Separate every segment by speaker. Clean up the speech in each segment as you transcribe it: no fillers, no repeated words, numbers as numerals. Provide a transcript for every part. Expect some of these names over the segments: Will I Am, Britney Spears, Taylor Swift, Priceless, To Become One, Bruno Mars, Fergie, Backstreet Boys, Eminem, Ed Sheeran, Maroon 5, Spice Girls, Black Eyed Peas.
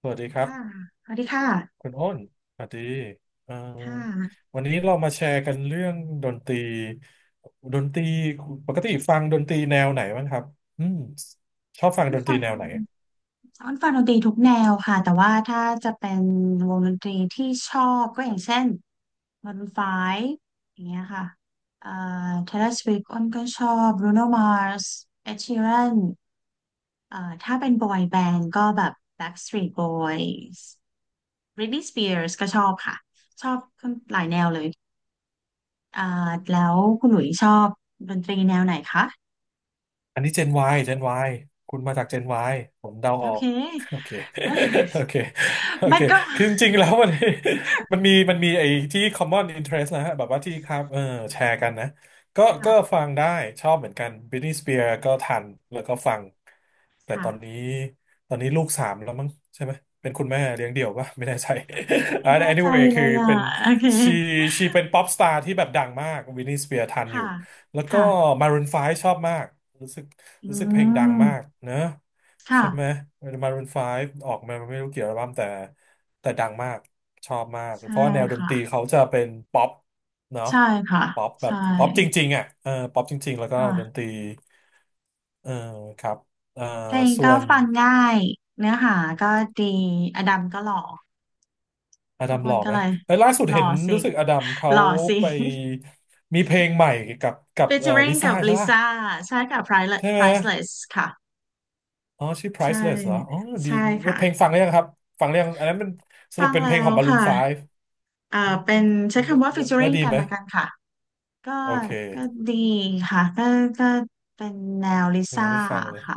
Speaker 1: สวัสดีครับ
Speaker 2: ค่ะสวัสดีค่ะ
Speaker 1: คุณอ้นสวัสดีเอ่อ
Speaker 2: ค่ะ
Speaker 1: วันนี้เรามาแชร์กันเรื่องดนตรีดนตรีปกติฟังดนตรีแนวไหนบ้างครับอืมชอบฟังดนต
Speaker 2: ฟั
Speaker 1: รี
Speaker 2: ง
Speaker 1: แนวไหน
Speaker 2: ซ้อนฟังดนตรีทุกแนวค่ะแต่ว่าถ้าจะเป็นวงดนตรีที่ชอบก็อย่างเช่น Maroon 5อย่างเงี้ยค่ะเอ่อ Taylor Swift อ้นก็ชอบ Bruno Mars Ed Sheeran เอ่อถ้าเป็นบอยแบนด์ก็แบบ Backstreet Boys Britney Spears ก็ชอบค่ะชอบหลายแนวเลยอ่าแล้วคุณหลุยชอบดนตรีแนวไหนคะ
Speaker 1: อันนี้เจน Y เจน Y คุณมาจากเจน Y ผมเดา
Speaker 2: โอ
Speaker 1: ออ
Speaker 2: เค
Speaker 1: ก โอเค โอ เค โอ
Speaker 2: มั
Speaker 1: เค
Speaker 2: นก็
Speaker 1: คือจริงๆแล้วมัน มีมันมีไอ้ที่ common interest นะฮะแบบว่าที่ครับเออแชร์กันนะก็
Speaker 2: ค่ะ
Speaker 1: ฟังได้ ชอบเหมือนกัน Britney Spears ก็ทัน แล้วก็ฟัง แต่ตอนนี้
Speaker 2: ค่ะ
Speaker 1: ตอนนี้ลูกสามแล้วมั้งใช่ไหม เป็นคุณแม่เลี้ยงเดี่ยวปะไม่แน่ใจ
Speaker 2: ไม่
Speaker 1: อ่า
Speaker 2: แน่ใจ
Speaker 1: anyway
Speaker 2: เล
Speaker 1: คือ
Speaker 2: ยอ่ะ
Speaker 1: เป็น
Speaker 2: โอเค
Speaker 1: she she เป็น pop star ที่แบบดังมาก Britney Spears ทันอ
Speaker 2: ค่ะ
Speaker 1: ยู่ แล้วก็
Speaker 2: ค่ะ
Speaker 1: Maroon 5ชอบมากรู้สึก
Speaker 2: อื
Speaker 1: รู้สึกเพลงดังมาก
Speaker 2: ม
Speaker 1: เนอะใช่ไหม
Speaker 2: ค่ะ
Speaker 1: Maroon 5ออกมาไม่รู้กี่อัลบั้มแต่ดังมากชอบมาก
Speaker 2: ใช่
Speaker 1: เพราะว่าแนวดนตรี
Speaker 2: ค่ะ
Speaker 1: เขาจะเป็นป๊อปเนาะ
Speaker 2: ใช่ค่ะ
Speaker 1: ป๊อปแบ
Speaker 2: ใช่
Speaker 1: บป๊อปจริงๆอ่ะเออป๊อปจริงๆแล้วก็ดนต
Speaker 2: ค่ะ
Speaker 1: รีเออครับเออ
Speaker 2: เพลง
Speaker 1: ส่
Speaker 2: ก็
Speaker 1: วน
Speaker 2: ฟังง่ายเนื้อหาก็ดีอดัมก็หล่อ
Speaker 1: อ
Speaker 2: ทุ
Speaker 1: ดั
Speaker 2: ก
Speaker 1: ม
Speaker 2: ค
Speaker 1: หล่
Speaker 2: น
Speaker 1: อ
Speaker 2: ก็
Speaker 1: ไหม
Speaker 2: เลย
Speaker 1: เอ้ยล่าสุด
Speaker 2: หล่
Speaker 1: เห็
Speaker 2: อ
Speaker 1: น
Speaker 2: สิ
Speaker 1: รู้สึกอดัมเขา
Speaker 2: หล่อสิ
Speaker 1: ไปมีเพลงใหม่กับกั บลิ
Speaker 2: featuring
Speaker 1: ซ่า
Speaker 2: กับ
Speaker 1: ใช่
Speaker 2: ลิ
Speaker 1: ป่ะ
Speaker 2: ซ่าใช่ค่ะ Priceless
Speaker 1: ใช่ไหม
Speaker 2: Priceless ค่ะ
Speaker 1: อ๋อชื่อ
Speaker 2: ใช่
Speaker 1: Priceless เหรออ๋อดี
Speaker 2: ใช่
Speaker 1: เพลง
Speaker 2: ค่ะ
Speaker 1: ฟังหรือยังครับฟังหรือยังอันนั้นมันส
Speaker 2: ฟั
Speaker 1: รุป
Speaker 2: ง
Speaker 1: เป็น
Speaker 2: แล้
Speaker 1: เพลงขอ
Speaker 2: ว
Speaker 1: ง
Speaker 2: ค่ะ
Speaker 1: Maroon 5
Speaker 2: เอ่อ
Speaker 1: อืม
Speaker 2: เป็นใช้
Speaker 1: แล้ว
Speaker 2: คำว่า
Speaker 1: แล้วแล้ว
Speaker 2: featuring
Speaker 1: ดี
Speaker 2: กั
Speaker 1: ไห
Speaker 2: น
Speaker 1: ม
Speaker 2: ละกันค่ะ ก็
Speaker 1: โอ
Speaker 2: ก็
Speaker 1: เค
Speaker 2: ดีค่ะก็เป็นแนวลิ
Speaker 1: ยัง
Speaker 2: ซ่า
Speaker 1: ไม่ได้ฟังเลย
Speaker 2: ค่ะ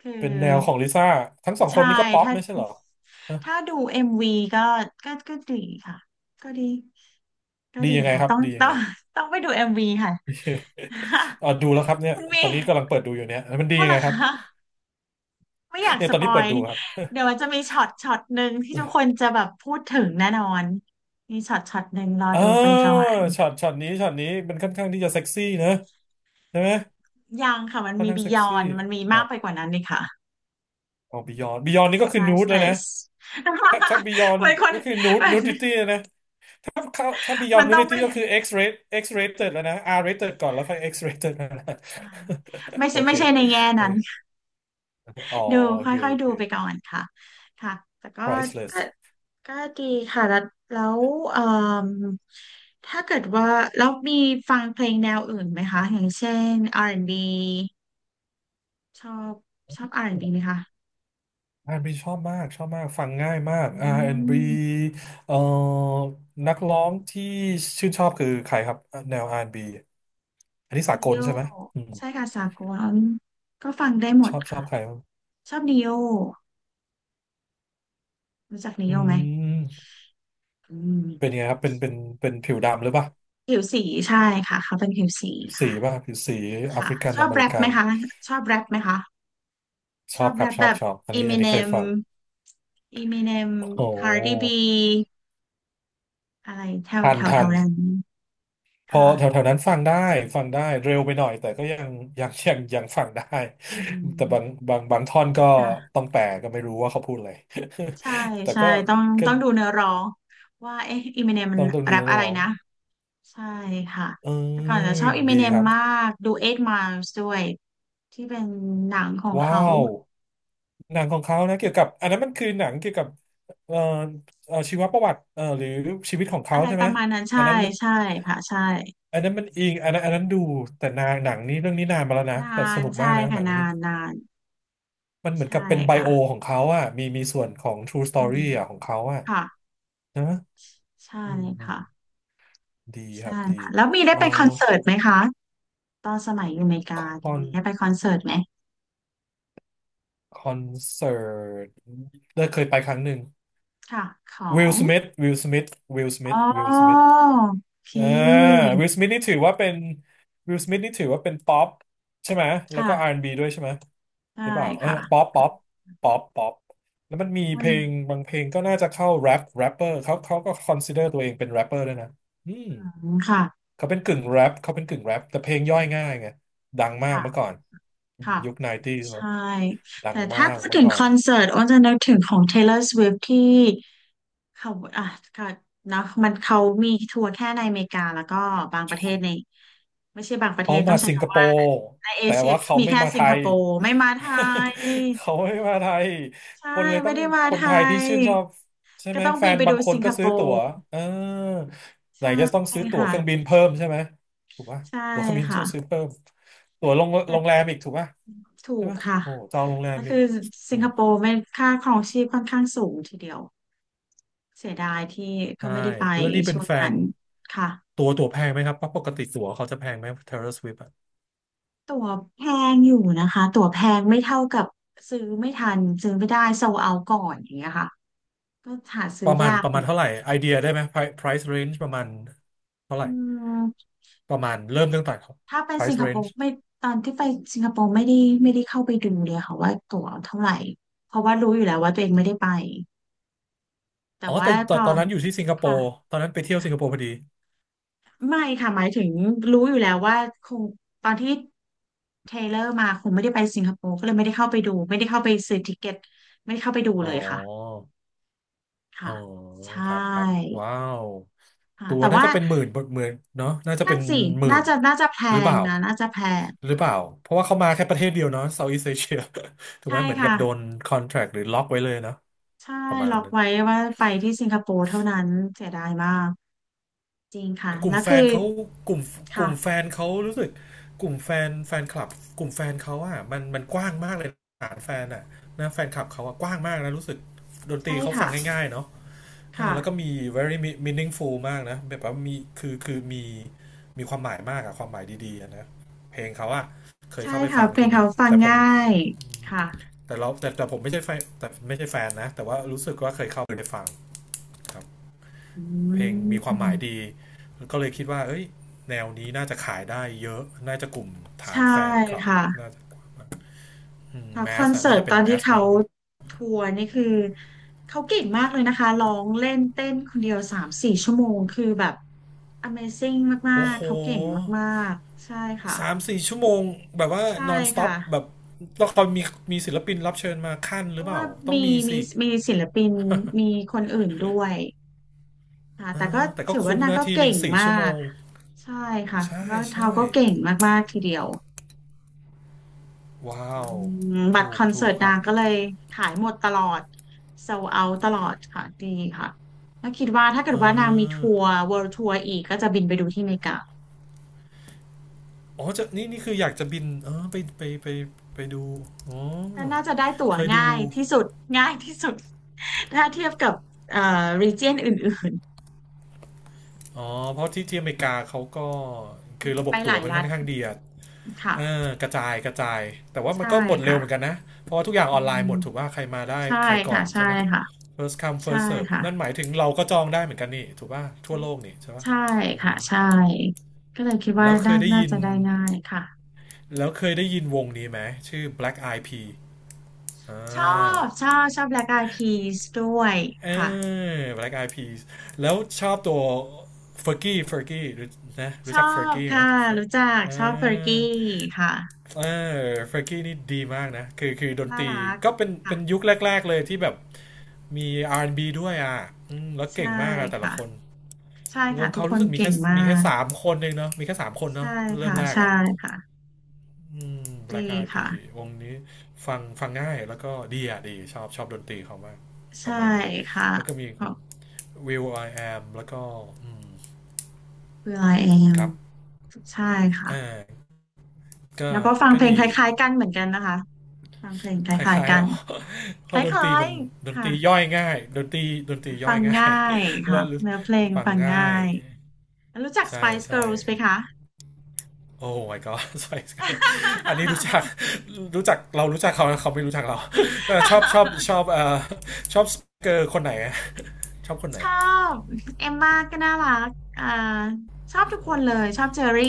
Speaker 2: คือ
Speaker 1: เป็นแนวของลิซ่าทั้งสองค
Speaker 2: ใช่
Speaker 1: นนี้ก็ป๊อป
Speaker 2: ถ้า
Speaker 1: ไม่ใช่เหรอฮะ
Speaker 2: ถ้าดูเอ็มวีก็ก็ดีค่ะก็ดีก็
Speaker 1: ดี
Speaker 2: ดี
Speaker 1: ยังไง
Speaker 2: ค่ะ
Speaker 1: ครับ
Speaker 2: ต้อง
Speaker 1: ดียัง
Speaker 2: ต้อ
Speaker 1: ไง
Speaker 2: งต้องไปดูเอ็มวีค่ะ
Speaker 1: อ่ะดูแล้วครับเนี่ ย
Speaker 2: คุณมี
Speaker 1: ตอนนี้กำลังเปิดดูอยู่เนี่ยมันดี
Speaker 2: ก็
Speaker 1: ยั
Speaker 2: เห
Speaker 1: ง
Speaker 2: ร
Speaker 1: ไง
Speaker 2: อ
Speaker 1: ครั
Speaker 2: คะ
Speaker 1: บ
Speaker 2: ไม่อยาก
Speaker 1: เนี่ย
Speaker 2: ส
Speaker 1: ตอน
Speaker 2: ป
Speaker 1: นี้
Speaker 2: อ
Speaker 1: เปิด
Speaker 2: ย
Speaker 1: ดูครับ
Speaker 2: เดี๋ยวมันจะมีช็อตหนึ่งที่ทุกคนจะแบบพูดถึงแน่นอนมีช็อตหนึ่งรอ
Speaker 1: อ่า
Speaker 2: ดูไปก่อน
Speaker 1: ช็อตนี้ช็อตนี้มันค่อนข้างที่จะเซ็กซี่นะใช่ไหม
Speaker 2: ยังค่ะมัน
Speaker 1: ค่อน
Speaker 2: มี
Speaker 1: ข้าง
Speaker 2: บี
Speaker 1: เซ็ก
Speaker 2: ยอ
Speaker 1: ซี่
Speaker 2: นมันมี
Speaker 1: ค
Speaker 2: มา
Speaker 1: รั
Speaker 2: ก
Speaker 1: บ
Speaker 2: ไปกว่านั้นนี่ค่ะ
Speaker 1: เอาบิยอนบิยอนนี่ก็คือนูดเลยนะ
Speaker 2: priceless เป็นค
Speaker 1: ถ้าบียอน
Speaker 2: น
Speaker 1: ก็คือนู d
Speaker 2: มั
Speaker 1: นู
Speaker 2: น
Speaker 1: ดิตี้นะ ถ้าเขาถ้าบียอ
Speaker 2: มั
Speaker 1: น
Speaker 2: น
Speaker 1: นู
Speaker 2: ต้อ
Speaker 1: ดิ
Speaker 2: ง
Speaker 1: ตี้
Speaker 2: ไม่
Speaker 1: ก็คือ X rate X rated แล้วนะ R rated ก่อนแล้วค่อย X rated นะ
Speaker 2: ไม่
Speaker 1: โอ
Speaker 2: ใช่
Speaker 1: เค
Speaker 2: ไม่ใช่ในแง่
Speaker 1: เออ
Speaker 2: นั้น
Speaker 1: อ๋อ
Speaker 2: ดู
Speaker 1: โอเค
Speaker 2: ค่อย
Speaker 1: โอ
Speaker 2: ๆดู
Speaker 1: เค
Speaker 2: ไปก่อนค่ะค่ะแต่ก็ก็
Speaker 1: priceless
Speaker 2: ก็ดีค่ะ แล้วเอ่มถ้าเกิดว่าแล้วมีฟังเพลงแนวอื่นไหมคะ อย่างเช่น R&B ชอบชอบ R&B ไหมคะ
Speaker 1: R&B ชอบมากชอบมากฟังง่ายมาก
Speaker 2: อื
Speaker 1: R&B
Speaker 2: ม
Speaker 1: เอ่อนักร้องที่ชื่นชอบคือใครครับแนว R&B อนด์บีอันนี้สา
Speaker 2: นิ
Speaker 1: ก
Speaker 2: โย
Speaker 1: ลใช่ไหมอืม
Speaker 2: ใช่ค่ะสากลก็ฟังได้หม
Speaker 1: ช
Speaker 2: ด
Speaker 1: อบชอ
Speaker 2: ค่ะ
Speaker 1: บใครบ้าง
Speaker 2: ชอบนิโยรู้จักนิ
Speaker 1: อื
Speaker 2: โยไหม
Speaker 1: ม
Speaker 2: อื
Speaker 1: เป็นยั
Speaker 2: ม
Speaker 1: งไงครับเป็นเป็นผิวดำหรือเปล่า
Speaker 2: ผิวสีใช่ค่ะเขาเป็นผิวสี
Speaker 1: ผิวสี
Speaker 2: ค่ะ
Speaker 1: ป่ะผิวสีแอฟ
Speaker 2: ค่ะ
Speaker 1: ริกัน
Speaker 2: ชอ
Speaker 1: อ
Speaker 2: บ
Speaker 1: เม
Speaker 2: แร
Speaker 1: ริ
Speaker 2: ป
Speaker 1: กั
Speaker 2: ไหม
Speaker 1: น
Speaker 2: คะชอบแรปไหมคะ
Speaker 1: ช
Speaker 2: ช
Speaker 1: อ
Speaker 2: อ
Speaker 1: บ
Speaker 2: บ
Speaker 1: ค
Speaker 2: แร
Speaker 1: รับ
Speaker 2: ป
Speaker 1: ช
Speaker 2: แบ
Speaker 1: อบ
Speaker 2: บ
Speaker 1: ชอบอัน
Speaker 2: อี
Speaker 1: นี้
Speaker 2: ม
Speaker 1: อัน
Speaker 2: n เน
Speaker 1: นี้เคย
Speaker 2: ม
Speaker 1: ฟัง
Speaker 2: อีม n เนม
Speaker 1: โอ้
Speaker 2: คาร์ดิบีอะไรแถว
Speaker 1: ทั
Speaker 2: แถ
Speaker 1: น
Speaker 2: วแถ
Speaker 1: ทั
Speaker 2: ว
Speaker 1: น
Speaker 2: นั้น
Speaker 1: พอ
Speaker 2: ค่ะ
Speaker 1: แถวแถวนั้นฟังได้ฟังได้เร็วไปหน่อยแต่ก็ยังยังฟังได้
Speaker 2: อื
Speaker 1: แต่บาง
Speaker 2: ม
Speaker 1: บางบางท่อนก็
Speaker 2: ค่ะ
Speaker 1: ต้องแปลก็ไม่รู้ว่าเขาพูดอะไร
Speaker 2: ใช่
Speaker 1: แต่
Speaker 2: ใช่
Speaker 1: ก็
Speaker 2: ต้อง
Speaker 1: ก็
Speaker 2: ต้องดูเนื้อร้องว่าเอ๊ะอีมิเนมมั
Speaker 1: ต้
Speaker 2: น
Speaker 1: องต้องดู
Speaker 2: แรป
Speaker 1: นัก
Speaker 2: อะไร
Speaker 1: ร้อง
Speaker 2: นะใช่ค่ะ
Speaker 1: เ
Speaker 2: แต่ก่อ
Speaker 1: อ
Speaker 2: น
Speaker 1: อ
Speaker 2: จะชอบอีมิ
Speaker 1: ดี
Speaker 2: เนม
Speaker 1: ครั
Speaker 2: มา
Speaker 1: บ
Speaker 2: กดูเอ g Miles ด้วยที่เป็นหนังของเขา
Speaker 1: ว้าวหนังของเขานะเกี่ยวกับอันนั้นมันคือหนังเกี่ยวกับเอ่อชีวประวัติหรือชีวิตของเขา
Speaker 2: อะไร
Speaker 1: ใช่
Speaker 2: ป
Speaker 1: ไหม
Speaker 2: ระมาณนั้น
Speaker 1: อั
Speaker 2: ใช่
Speaker 1: นนั้นมัน
Speaker 2: ใช่ค่ะใช่
Speaker 1: อันนั้นมันอิงอันนั้นดูแต่นางหนังนี้เรื่องนี้นานมาแล้วนะ
Speaker 2: น
Speaker 1: แต่
Speaker 2: า
Speaker 1: ส
Speaker 2: น
Speaker 1: นุกมาก
Speaker 2: ใช่
Speaker 1: นะห
Speaker 2: ค่ะ
Speaker 1: นัง
Speaker 2: นา
Speaker 1: นี้
Speaker 2: นนาน
Speaker 1: มันเหมือน
Speaker 2: ใช่
Speaker 1: กับเป็นไบ
Speaker 2: ค่ะ
Speaker 1: โอของเขาอ่ะมีส่วนของ True
Speaker 2: อื
Speaker 1: Story
Speaker 2: ม
Speaker 1: อ่ะของเขาอะ
Speaker 2: ค่ะ
Speaker 1: นะ
Speaker 2: ใช่
Speaker 1: อืมอืม
Speaker 2: ค่ะ
Speaker 1: ดีค
Speaker 2: ใช่
Speaker 1: รับดี
Speaker 2: ค่ะแล้วมีได้
Speaker 1: เอ่อ
Speaker 2: ไปคอนเสิร์ตไหมคะตอนสมัยอยู่อเมริ
Speaker 1: ค
Speaker 2: กา
Speaker 1: อ
Speaker 2: ได้
Speaker 1: น
Speaker 2: มีได้ไปคอนเสิร์ตไหม
Speaker 1: คอนเสิร์ตได้เคยไปครั้งหนึ่ง
Speaker 2: ค่ะขอ
Speaker 1: วิล
Speaker 2: ง
Speaker 1: สมิธวิลสมิธวิลสมิ
Speaker 2: อ๋
Speaker 1: ธวิลสมิ
Speaker 2: อ
Speaker 1: ธ
Speaker 2: โอเค
Speaker 1: อ่าวิลสมิธนี่ถือว่าเป็นวิลสมิธนี่ถือว่าเป็นป๊อปใช่ไหมแล้ว
Speaker 2: ค่ะ
Speaker 1: ก็ R&B ดบีด้วยใช่ไหม หรือ
Speaker 2: ได้
Speaker 1: เปล่าเออ
Speaker 2: ค่ะ
Speaker 1: ป๊อปป๊อปแล้วมันมี
Speaker 2: วั
Speaker 1: เพ
Speaker 2: น
Speaker 1: ลงบางเพลงก็น่าจะเข้าแรปแรปเปอร์เขาก็คอนซิเดอร์ตัวเองเป็นแรปเปอร์ด้วยนะอืม
Speaker 2: หลังค่ะ
Speaker 1: เขาเป็นกึ่งแรปเขาเป็นกึ่งแรปแต่เพลงย่อยง่ายไงดังมาก
Speaker 2: ค่ะ
Speaker 1: เมื่อก่อน
Speaker 2: ค่ะ
Speaker 1: ยุคไนตี้เนอะ
Speaker 2: ใช่
Speaker 1: ดั
Speaker 2: แต่
Speaker 1: งมา
Speaker 2: ถ้า
Speaker 1: ก
Speaker 2: พูด
Speaker 1: เมื่
Speaker 2: ถึ
Speaker 1: อ
Speaker 2: ง
Speaker 1: ก่อ
Speaker 2: ค
Speaker 1: น
Speaker 2: อนเสิร์ตอ้นจะนึกถึงของ Taylor Swift ที่ เขาอ่ะก็นะมันเขามีทัวร์แค่ในอเมริกาแล้วก็บางประเทศในไม่ใช่บางประเท
Speaker 1: เขา
Speaker 2: ศต้อ
Speaker 1: มา
Speaker 2: งใช้
Speaker 1: สิงคโป
Speaker 2: คำว่า
Speaker 1: ร์
Speaker 2: ในเอ
Speaker 1: แต่
Speaker 2: เชีย
Speaker 1: ว่า
Speaker 2: ก็
Speaker 1: เขา
Speaker 2: มี
Speaker 1: ไม่
Speaker 2: แค่
Speaker 1: มา
Speaker 2: สิ
Speaker 1: ไท
Speaker 2: งค
Speaker 1: ย
Speaker 2: โปร์ไม่มาไทย
Speaker 1: เขาไม่มาไทย
Speaker 2: ใช่
Speaker 1: คนเลยต้อ
Speaker 2: ไม่
Speaker 1: ง
Speaker 2: ได้มา
Speaker 1: คน
Speaker 2: ไท
Speaker 1: ไทยที่
Speaker 2: ย
Speaker 1: ชื่นชอบใช่
Speaker 2: ก็
Speaker 1: ไหม
Speaker 2: ต้อง
Speaker 1: แฟ
Speaker 2: บิน
Speaker 1: น
Speaker 2: ไป
Speaker 1: บา
Speaker 2: ดู
Speaker 1: งคน
Speaker 2: สิง
Speaker 1: ก็
Speaker 2: คโป
Speaker 1: ซื้อตั๋ว
Speaker 2: ร์
Speaker 1: เออไหน
Speaker 2: ใช่
Speaker 1: จะต้องซื้อตั๋วเครื่องบิ
Speaker 2: ค่ะ
Speaker 1: นเพิ่มใช่ไหมถูกปะ
Speaker 2: ใช่
Speaker 1: ตั๋วเครื่องบิน
Speaker 2: ค่ะ
Speaker 1: ต้องซื้อเพิ่มตั๋วโรงแร
Speaker 2: แต่
Speaker 1: มอีกถูกปะ
Speaker 2: ถู
Speaker 1: ใช่
Speaker 2: ก
Speaker 1: ปะ
Speaker 2: ค่ะ
Speaker 1: โอ้จองโรงแรม
Speaker 2: ก็
Speaker 1: อี
Speaker 2: คื
Speaker 1: ก
Speaker 2: อ
Speaker 1: โอ้
Speaker 2: สิงคโปร์ไม่ค่าครองชีพค่อนข้างสูงทีเดียวเสียดายที่ก็
Speaker 1: ใช่
Speaker 2: ไม่ได้ไป
Speaker 1: แล้วนี่เป็น
Speaker 2: ช่วง
Speaker 1: แฟ
Speaker 2: นั้
Speaker 1: น
Speaker 2: นค่ะ
Speaker 1: ตั๋วแพงไหมครับปกติตั๋วเขาจะแพงไหม Taylor Swift อะ
Speaker 2: ตั๋วแพงอยู่นะคะตั๋วแพงไม่เท่ากับซื้อไม่ทันซื้อไม่ได้โซเอาก่อนอย่างเงี้ยค่ะก็หา
Speaker 1: ป
Speaker 2: ซื้อ
Speaker 1: ระมาณ
Speaker 2: ยาก
Speaker 1: ประมาณเท่าไห
Speaker 2: นะ
Speaker 1: ร่ไอเดียได้ไหม price range ประมาณเท่าไห
Speaker 2: อื
Speaker 1: ร่
Speaker 2: ม
Speaker 1: ประมาณเริ่มตั้งแต่
Speaker 2: ถ้าเป็นสิง
Speaker 1: price
Speaker 2: คโป
Speaker 1: range
Speaker 2: ร์ไม่ตอนที่ไปสิงคโปร์ไม่ได้ไม่ได้เข้าไปดูเลยค่ะว่าตั๋วเท่าไหร่เพราะว่ารู้อยู่แล้วว่าตัวเองไม่ได้ไปแต่
Speaker 1: อ๋อ
Speaker 2: ว่า
Speaker 1: แต่ต
Speaker 2: พ
Speaker 1: อน
Speaker 2: อ
Speaker 1: ตอนนั้นอยู่ที่สิงคโป
Speaker 2: ค่ะ
Speaker 1: ร์ตอนนั้นไปเที่ยวสิงคโปร์พอดี
Speaker 2: ไม่ค่ะหมายถึงรู้อยู่แล้วว่าคงตอนที่เทรลเลอร์มาคงไม่ได้ไปสิงคโปร์ก็เลยไม่ได้เข้าไปดูไม่ได้เข้าไปซื้อติเกตไม่ได้เข้าไปดู
Speaker 1: อ๋อ
Speaker 2: เลยค่ะ
Speaker 1: อ๋
Speaker 2: ค่ะ
Speaker 1: อ
Speaker 2: ใช่
Speaker 1: ครับครับว้าว
Speaker 2: ค่ะ
Speaker 1: ตัว
Speaker 2: แต่
Speaker 1: น่า
Speaker 2: ว่า
Speaker 1: จะเป็นหมื่นหมื่นเนาะน่าจะ
Speaker 2: นั่
Speaker 1: เป็
Speaker 2: น
Speaker 1: น
Speaker 2: สิ
Speaker 1: หมื่
Speaker 2: น่า
Speaker 1: น
Speaker 2: จะแพ
Speaker 1: หรือเป
Speaker 2: ง
Speaker 1: ล่า
Speaker 2: นะน่าจะแพง
Speaker 1: หรือเป
Speaker 2: ค่ะ
Speaker 1: ล่าเพราะว่าเขามาแค่ประเทศเดียวเนาะเซอีสเอเชีย ถูกไหม
Speaker 2: ใช่
Speaker 1: เหมือนกั
Speaker 2: ค่ะ
Speaker 1: บโดนคอนแทรคหรือล็อกไว้เลยเนาะ
Speaker 2: ใช่
Speaker 1: ประมาณ
Speaker 2: ล็อก
Speaker 1: นั้น
Speaker 2: ไว้ว่าไปที่สิงคโปร์เท่านั้นเสียดายมากจริงค่ะ
Speaker 1: แต่กลุ่
Speaker 2: แล้
Speaker 1: ม
Speaker 2: ว
Speaker 1: แฟ
Speaker 2: คื
Speaker 1: น
Speaker 2: อ
Speaker 1: เขากลุ่มก
Speaker 2: ค่ะ
Speaker 1: ลุ่มแฟนเขารู้สึกกลุ่มแฟนแฟนคลับกลุ่มแฟนเขาอ่ะมันกว้างมากเลยฐานแฟนอ่ะนะแฟนคลับเขาอ่ะกว้างมากนะรู้สึกดนตรี
Speaker 2: ใช่
Speaker 1: เขา
Speaker 2: ค่ะ
Speaker 1: ฟังง่ายๆเนาะ เออ
Speaker 2: ค่ะ
Speaker 1: แล้วก็มี very meaningful มากนะแบบว่ามีคือมีมีความหมายมากอะความหมายดีๆอะนะเพลงเขาอะเคย
Speaker 2: ใช่
Speaker 1: เข้าไป
Speaker 2: ค่ะ
Speaker 1: ฟัง
Speaker 2: เพล
Speaker 1: ที
Speaker 2: ง
Speaker 1: หนึ่
Speaker 2: เขา
Speaker 1: ง
Speaker 2: ฟัง
Speaker 1: แต่ผม
Speaker 2: ง่ายค่ะ
Speaker 1: แต่เราแต่แต่ผมไม่ใช่แฟนแต่ไม่ใช่แฟนนะ แต่ว่ารู้สึกว่าเคยเข้าไปฟังครับ
Speaker 2: อื
Speaker 1: เพลงมีความหมาย
Speaker 2: ม
Speaker 1: ดีก็เลยคิดว่าเอ้ยแนวนี้น่าจะขายได้เยอะ น่าจะกลุ่มฐา
Speaker 2: ใช่
Speaker 1: นแฟนคลับ
Speaker 2: ค่ะ
Speaker 1: น่าจะ
Speaker 2: ค่ะ
Speaker 1: แม
Speaker 2: คอ
Speaker 1: ส
Speaker 2: น
Speaker 1: อะ
Speaker 2: เสิ
Speaker 1: น่า
Speaker 2: ร์ต
Speaker 1: จะ
Speaker 2: ต
Speaker 1: เป็
Speaker 2: อ
Speaker 1: น
Speaker 2: น
Speaker 1: แม
Speaker 2: ที่
Speaker 1: ส
Speaker 2: เขา
Speaker 1: มาก
Speaker 2: ทัวร์นี่คือเขาเก่งมากเลยนะคะร้องเล่นเต้นคนเดียว3-4 ชั่วโมงคือแบบ Amazing
Speaker 1: ๆ
Speaker 2: มา
Speaker 1: โอ้
Speaker 2: ก
Speaker 1: โห
Speaker 2: ๆเขาเก่งมากๆใช่
Speaker 1: สาม
Speaker 2: ค่ะ
Speaker 1: สี่ชั่วโมงแบบว่า
Speaker 2: ใช่
Speaker 1: นอนสต็อ
Speaker 2: ค่ะ
Speaker 1: ปแบบตอนมีมีศิลปินรับเชิญมาขั้น
Speaker 2: เพ
Speaker 1: หรือ
Speaker 2: ราะ
Speaker 1: เป
Speaker 2: ว่า
Speaker 1: ล่าต้อง
Speaker 2: มี
Speaker 1: มี
Speaker 2: มี
Speaker 1: สิ
Speaker 2: มีศิลปินมีคนอื่นด้วยค่ะแต่ก็
Speaker 1: แต่ก็
Speaker 2: ถือว่า
Speaker 1: คุ้ม
Speaker 2: นาง
Speaker 1: นะ
Speaker 2: ก็
Speaker 1: ทีห
Speaker 2: เก่
Speaker 1: นึ่ง
Speaker 2: ง
Speaker 1: สี่
Speaker 2: มา
Speaker 1: ชั่วโม
Speaker 2: ก
Speaker 1: ง
Speaker 2: ใช่ค่ะ
Speaker 1: ใช่
Speaker 2: แล้วเทา
Speaker 1: ใช่
Speaker 2: ก็เก่งมากๆทีเดียว
Speaker 1: ว้า
Speaker 2: อื
Speaker 1: ว
Speaker 2: มบัตร
Speaker 1: ถู
Speaker 2: ค
Speaker 1: ก
Speaker 2: อนเสิ
Speaker 1: ถู
Speaker 2: ร์ต
Speaker 1: กค
Speaker 2: นา
Speaker 1: รับ
Speaker 2: งก็เลยขายหมดตลอดโซเอาตลอดค่ะดีค่ะแล้วคิดว่าถ้าเกิด
Speaker 1: เอ
Speaker 2: ว่านางมี
Speaker 1: อ
Speaker 2: ทัวร์ World Tour อีกก็จะบินไปดูที่อเมริกา
Speaker 1: อ๋อจะนี่นี่คืออยากจะบินไปไปดูอ๋อ
Speaker 2: แต่น่าจะได้ตั๋ว
Speaker 1: เคยดู
Speaker 2: ง่ายที่สุดง่ายที่สุด ถ้าเทียบกับเอ่อ region อื่น
Speaker 1: อ๋อเพราะที่อเมริกาเขาก็คือระ
Speaker 2: ๆ
Speaker 1: บ
Speaker 2: ไป
Speaker 1: บ
Speaker 2: ห
Speaker 1: ตั๋
Speaker 2: ลา
Speaker 1: ว
Speaker 2: ย
Speaker 1: มัน
Speaker 2: รั
Speaker 1: ค่อ
Speaker 2: ฐ
Speaker 1: นข้างดีอะ
Speaker 2: ค่ะ
Speaker 1: เออกระจายแต่ว่ามัน
Speaker 2: ใช่
Speaker 1: ก็หมดเร็วเหมือน
Speaker 2: ค่ะ
Speaker 1: กันนะเพราะว่าทุกอย่างอ
Speaker 2: อื
Speaker 1: อนไลน์
Speaker 2: ม
Speaker 1: หมดถูกว่าใครมาได้
Speaker 2: ใช่
Speaker 1: ใครก่อ
Speaker 2: ค่ะ
Speaker 1: น
Speaker 2: ใช่
Speaker 1: ใช่ไหม
Speaker 2: ค่ะ
Speaker 1: first come
Speaker 2: ใช่
Speaker 1: first serve
Speaker 2: ค่ะ
Speaker 1: นั่นหมายถึงเราก็จองได้เหมือนกันนี่ถูกป่ะทั่วโลกนี่ใช่ป่ะ
Speaker 2: ใช่ค่ะใช่ก็เลยคิดว่า
Speaker 1: แล้วเค
Speaker 2: น่า
Speaker 1: ยได้
Speaker 2: น่า
Speaker 1: ยิน
Speaker 2: จะได้ง่ายค่ะ
Speaker 1: แล้วเคยได้ยินวงนี้ไหมชื่อ Black Eyed Peas อ่
Speaker 2: ชอ
Speaker 1: า
Speaker 2: ชอบแบล็กไอพีสด้วย
Speaker 1: เอ
Speaker 2: ค่ะ
Speaker 1: อ Black Eyed Peas แล้วชอบตัว f e r g i e รู้นะ
Speaker 2: ช
Speaker 1: รู้
Speaker 2: อ
Speaker 1: จัก f e r
Speaker 2: บ
Speaker 1: g i e ไหม
Speaker 2: ค่ะ รู้จัก
Speaker 1: เอ
Speaker 2: ชอบเฟอร์
Speaker 1: อ
Speaker 2: กี้ค่ะ
Speaker 1: เออ f e r กี้นี่ดีมากนะคือดน
Speaker 2: น่า
Speaker 1: ตรี
Speaker 2: รัก
Speaker 1: ก็เป็น
Speaker 2: ค่ะ
Speaker 1: เป็นยุคแรกๆเลยที่แบบมี R&B ดบีด้วยอ่ะอืมแล้ว
Speaker 2: ใช่
Speaker 1: เก่งมากอะแต่ละ
Speaker 2: ค่ะ
Speaker 1: คน
Speaker 2: ใช่
Speaker 1: ว
Speaker 2: ค่ะ
Speaker 1: ง
Speaker 2: ทุก
Speaker 1: เขา
Speaker 2: ค
Speaker 1: รู้
Speaker 2: น
Speaker 1: สึกมี
Speaker 2: เก่
Speaker 1: แค่
Speaker 2: งมา
Speaker 1: มีแค่
Speaker 2: ก
Speaker 1: สามคนเองเนาะมีแค่สามคน
Speaker 2: ใช่
Speaker 1: เนาะเริ่
Speaker 2: ค่ะ
Speaker 1: มแรก
Speaker 2: ใช่
Speaker 1: อ่ะ
Speaker 2: ค่ะ
Speaker 1: แบล็
Speaker 2: ดี
Speaker 1: กไอืม Black e y e p
Speaker 2: ค่ะ
Speaker 1: วงนี้ฟังง่าย แล้วก็ดีอ่ะดี ชอบ ชอบดนตรีเขามากป
Speaker 2: ใช่
Speaker 1: ระมาณนี้
Speaker 2: ค่ะ
Speaker 1: แล้วก็มี
Speaker 2: ข
Speaker 1: ค
Speaker 2: อ
Speaker 1: น
Speaker 2: บ
Speaker 1: Will I Am แล้วก็อืม
Speaker 2: คุณไอเอ
Speaker 1: ค
Speaker 2: ม
Speaker 1: รับ
Speaker 2: ใช่ค่ะ
Speaker 1: อ่าก็
Speaker 2: แล้วก็ฟัง
Speaker 1: ก็
Speaker 2: เพลง
Speaker 1: ดี
Speaker 2: คล้ายๆกันเหมือนกันนะคะฟังเพลงค
Speaker 1: ค
Speaker 2: ล้าย
Speaker 1: ล้า
Speaker 2: ๆ
Speaker 1: ยๆ
Speaker 2: กั
Speaker 1: ห
Speaker 2: น
Speaker 1: รอ เพ
Speaker 2: ค
Speaker 1: ราะดนต
Speaker 2: ล้า
Speaker 1: รี
Speaker 2: ย
Speaker 1: มัน ด
Speaker 2: ๆ
Speaker 1: นต
Speaker 2: ค่ะ
Speaker 1: รีย่อยง่าย ดนตรีย่
Speaker 2: ฟั
Speaker 1: อย
Speaker 2: ง
Speaker 1: ง่า
Speaker 2: ง่า
Speaker 1: ย
Speaker 2: ย
Speaker 1: แล้
Speaker 2: ค่ะ
Speaker 1: ว
Speaker 2: เนื้อเพลง
Speaker 1: ฟัง
Speaker 2: ฟังง่า
Speaker 1: ง่าย
Speaker 2: ยรู้จัก
Speaker 1: ใช่
Speaker 2: Spice
Speaker 1: ใช่
Speaker 2: Girls ไหมคะ
Speaker 1: โอ้ my god สไป c ์เก r l อันนี้รู้จัก รู้จักเรารู้จักเขาเขาไม่รู้จักเราแต่ชอบชอบชอบสเกอร์คนไหนอะชอบคนไหน
Speaker 2: ชอบเอมมาก็น่ารักอ่าชอบทุก
Speaker 1: โอ
Speaker 2: คนเลย
Speaker 1: ้
Speaker 2: ชอบเจอรี่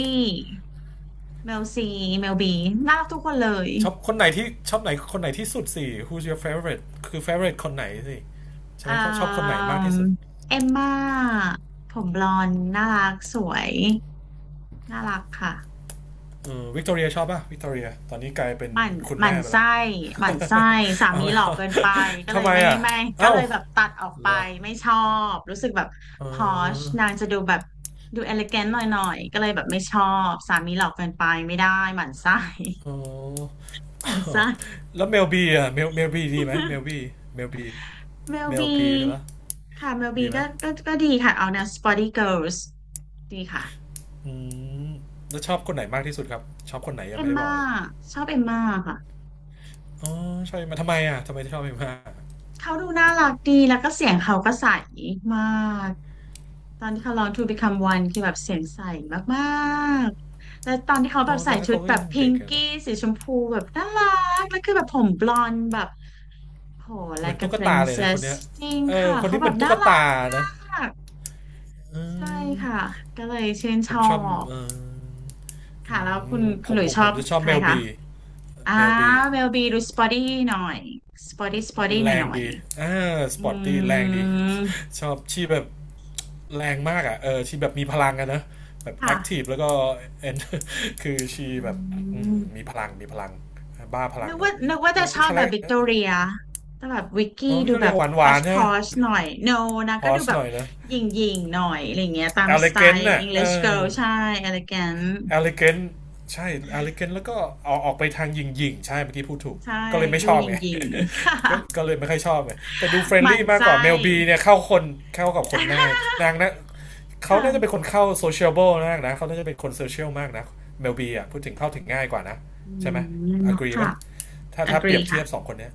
Speaker 2: เมลซีเมลบีน่ารักทุกคนเลย
Speaker 1: ชอบคนไหนที่ชอบไหนคนไหนที่สุดสิ Who's your favorite คือ favorite คนไหนสิใช่ไหม
Speaker 2: อ่า
Speaker 1: ชอบคนไหนมาก
Speaker 2: ม
Speaker 1: ที่สุด
Speaker 2: เอมมาผมบลอนด์น่ารักสวยน่ารักค่ะ
Speaker 1: เออวิกตอเรียชอบป่ะวิกตอเรียตอนนี้กลายเป็น
Speaker 2: หมั่น
Speaker 1: คุณ
Speaker 2: หมั่
Speaker 1: แม่
Speaker 2: น
Speaker 1: ไป
Speaker 2: ไส้
Speaker 1: และ
Speaker 2: หมั่นไส้สา
Speaker 1: เอา
Speaker 2: มี
Speaker 1: ไม่
Speaker 2: หล่อ
Speaker 1: เอา
Speaker 2: เกินไป ก็ เล
Speaker 1: ทำ
Speaker 2: ย
Speaker 1: ไม
Speaker 2: ไม่
Speaker 1: อ่ะ
Speaker 2: ไม่ก็
Speaker 1: เอ้า
Speaker 2: เลยแบบตัดออกไป
Speaker 1: เหรอ
Speaker 2: ไม่ชอบ รู้สึกแบบ
Speaker 1: เอ
Speaker 2: พอช
Speaker 1: อ
Speaker 2: นางจะดูแบบดูเอลิแกนหน่อยก็เลยแบบไม่ชอบ สามีหล่อเกินไปไม่ได้หมั่นไส้
Speaker 1: โอ้
Speaker 2: หมั่นไส้
Speaker 1: แล้วเมลบีอ่ะเมลบีดีไหมเมลบี เมลบี
Speaker 2: เมล
Speaker 1: เมล
Speaker 2: บี
Speaker 1: บีใช่ปะ
Speaker 2: ค่ะเมลบี
Speaker 1: ดีไหม
Speaker 2: ก็ดีค่ะเอาแนว Spotty Girls ดีค่ะ
Speaker 1: อืมแล้วชอบคนไหนมากที่สุดครับชอบคนไหน
Speaker 2: เอ
Speaker 1: ยัง
Speaker 2: ม
Speaker 1: ไม่ได้บอ
Speaker 2: ม่า
Speaker 1: กเลย
Speaker 2: ชอบเอมม่าค่ะ
Speaker 1: อ๋อชอบมาทำไมอ่ะทำไมถึงชอบเอมมา
Speaker 2: เขาดูน่ารักดีแล้วก็เสียงเขาก็ใสมาก ตอนที่เขาร้อง To Become One คือแบบเสียงใสมากๆ แล้วตอนที่เขาแบ
Speaker 1: อ๋อ
Speaker 2: บ
Speaker 1: ต
Speaker 2: ใส่
Speaker 1: อนนั้น
Speaker 2: ชุด
Speaker 1: เขาก็
Speaker 2: แบ
Speaker 1: ยั
Speaker 2: บ
Speaker 1: ง
Speaker 2: พิ
Speaker 1: เด็
Speaker 2: ง
Speaker 1: กอยะ
Speaker 2: กี้
Speaker 1: นะ
Speaker 2: สีชมพูแบบน่ารัก แล้วคือแบบผมบลอนด์แบบโห
Speaker 1: เหมือน
Speaker 2: like a
Speaker 1: ตุ๊กตาเลยนะคน
Speaker 2: princess
Speaker 1: เนี้ย
Speaker 2: จริง
Speaker 1: เออ
Speaker 2: ค่ะ
Speaker 1: คน
Speaker 2: เขา
Speaker 1: นี้
Speaker 2: แบ
Speaker 1: เหมื
Speaker 2: บ
Speaker 1: อนตุ๊
Speaker 2: น่า
Speaker 1: ก
Speaker 2: รั
Speaker 1: ตา
Speaker 2: กมา
Speaker 1: นะ
Speaker 2: ก
Speaker 1: อื
Speaker 2: ใช่
Speaker 1: ม
Speaker 2: ค่ะก็เลยชื่น
Speaker 1: ผ
Speaker 2: ช
Speaker 1: ม
Speaker 2: อ
Speaker 1: ชอบ
Speaker 2: บ
Speaker 1: เอออื
Speaker 2: ค่ะแล้วคุณ
Speaker 1: มผ
Speaker 2: คุณห
Speaker 1: ม
Speaker 2: ลุย
Speaker 1: ผม
Speaker 2: ชอ
Speaker 1: ผ
Speaker 2: บ
Speaker 1: มจะชอบ
Speaker 2: ใคร
Speaker 1: เมล
Speaker 2: คะ
Speaker 1: บี
Speaker 2: อ่า
Speaker 1: เมลบี
Speaker 2: เวลบีดูสปอตี้หน่อยสปอตี้สปอตี้ห
Speaker 1: แร
Speaker 2: น่อยห
Speaker 1: ง
Speaker 2: น่อย
Speaker 1: ดีอ่าส
Speaker 2: อื
Speaker 1: ปอร์ตตี้แรงดี
Speaker 2: ม
Speaker 1: ชอบชีแบบ แรงมากอ่ะเออชีแบบมีพลังอะนะแบบแอ
Speaker 2: ค่ะ
Speaker 1: คทีฟแล้วก็เอน คือชี
Speaker 2: อื
Speaker 1: แบบอืม
Speaker 2: ม
Speaker 1: มีพลังบ้าพลั
Speaker 2: นึ
Speaker 1: ง
Speaker 2: ก
Speaker 1: หน่อ
Speaker 2: ว่า
Speaker 1: ย
Speaker 2: นึกว่าจะ
Speaker 1: แล้ว
Speaker 2: ชอบ
Speaker 1: คา
Speaker 2: แบ
Speaker 1: แร
Speaker 2: บ
Speaker 1: ค
Speaker 2: วิกตอเรียแต่แบบวิก
Speaker 1: เออ
Speaker 2: กี้
Speaker 1: ว่
Speaker 2: ดู
Speaker 1: ตา
Speaker 2: แบ
Speaker 1: เรียก
Speaker 2: บพ
Speaker 1: ห
Speaker 2: อ
Speaker 1: วา
Speaker 2: ช
Speaker 1: น
Speaker 2: พ
Speaker 1: ใช่ไหม
Speaker 2: อชหน่อยโนนะ
Speaker 1: พ
Speaker 2: ก็
Speaker 1: อ
Speaker 2: ดู
Speaker 1: ส
Speaker 2: แบ
Speaker 1: ห
Speaker 2: บ
Speaker 1: น่อยนะ
Speaker 2: หยิ่งหยิ่งหน่อยอะไรเงี้ยตา
Speaker 1: e
Speaker 2: ม
Speaker 1: อ
Speaker 2: ส
Speaker 1: ลิ
Speaker 2: ไต
Speaker 1: เกน
Speaker 2: ล์
Speaker 1: น่ะเอ
Speaker 2: English
Speaker 1: อ
Speaker 2: Girl ใช่ elegant
Speaker 1: e อลิเกนใช่ e อลิเกนแล้วก็ออกไปทางหยิงๆใช่เมื่อกี้พูดถูก
Speaker 2: ใช่
Speaker 1: ก็เลยไม่
Speaker 2: ดู
Speaker 1: ชอ
Speaker 2: ห
Speaker 1: บ
Speaker 2: ยิ่ง
Speaker 1: ไง
Speaker 2: ห ยิ่ง
Speaker 1: ก็เลยไม่ค่อยชอบไงแต่ดูเฟร
Speaker 2: ห
Speaker 1: น
Speaker 2: มั่น
Speaker 1: ลี่มากกว่า
Speaker 2: ไส้
Speaker 1: เมลบีเนี่ยเข้าคนเข้ากับคนง่าย นางนะ เขา
Speaker 2: ค่ะ
Speaker 1: น่าจะเป็นคนเข้าโซเชียลเบลมากนะ เขาน่าจะเป็นคนโซเชียลมากนะเมลบีอ่ะพูดถึงเข้าถึงง่ายกว่านะ
Speaker 2: อื
Speaker 1: ใช่ไหมอ g
Speaker 2: ม
Speaker 1: r e e
Speaker 2: ค่ะ
Speaker 1: ป่ะถ้าเปรีย
Speaker 2: agree
Speaker 1: บเที
Speaker 2: ค่ะ
Speaker 1: ยบสองคนเนี้ย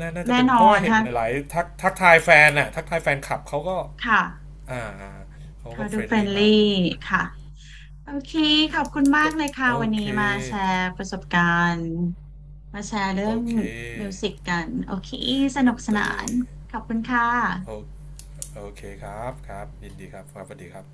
Speaker 1: นาน่าจะ
Speaker 2: แน่
Speaker 1: เป็น
Speaker 2: น
Speaker 1: เพ
Speaker 2: อ
Speaker 1: ราะว่า
Speaker 2: น
Speaker 1: เห็น
Speaker 2: ถ้า
Speaker 1: หลายๆทักทายแฟนน่ะทักทายแฟนคลับเขาก็
Speaker 2: ค่ะ
Speaker 1: อ่าเขา
Speaker 2: เขา
Speaker 1: ก็เฟ
Speaker 2: ดู
Speaker 1: รน
Speaker 2: เฟรน
Speaker 1: ลี่
Speaker 2: ลี่
Speaker 1: มากอื
Speaker 2: ค่ะ
Speaker 1: ม
Speaker 2: โอเค ขอบคุณมากเลยค่ะ
Speaker 1: โอ
Speaker 2: วันนี้
Speaker 1: เค
Speaker 2: มาแชร์ประสบการณ์ มาแชร์เรื่
Speaker 1: โอ
Speaker 2: อง
Speaker 1: เค
Speaker 2: มิวสิกกัน โอเค ส
Speaker 1: ด
Speaker 2: นุก
Speaker 1: น
Speaker 2: ส
Speaker 1: ต
Speaker 2: นา
Speaker 1: รี
Speaker 2: นขอบคุณค่ะ
Speaker 1: โอโอเคครับครับยินดีครับครับสวัสดีครับ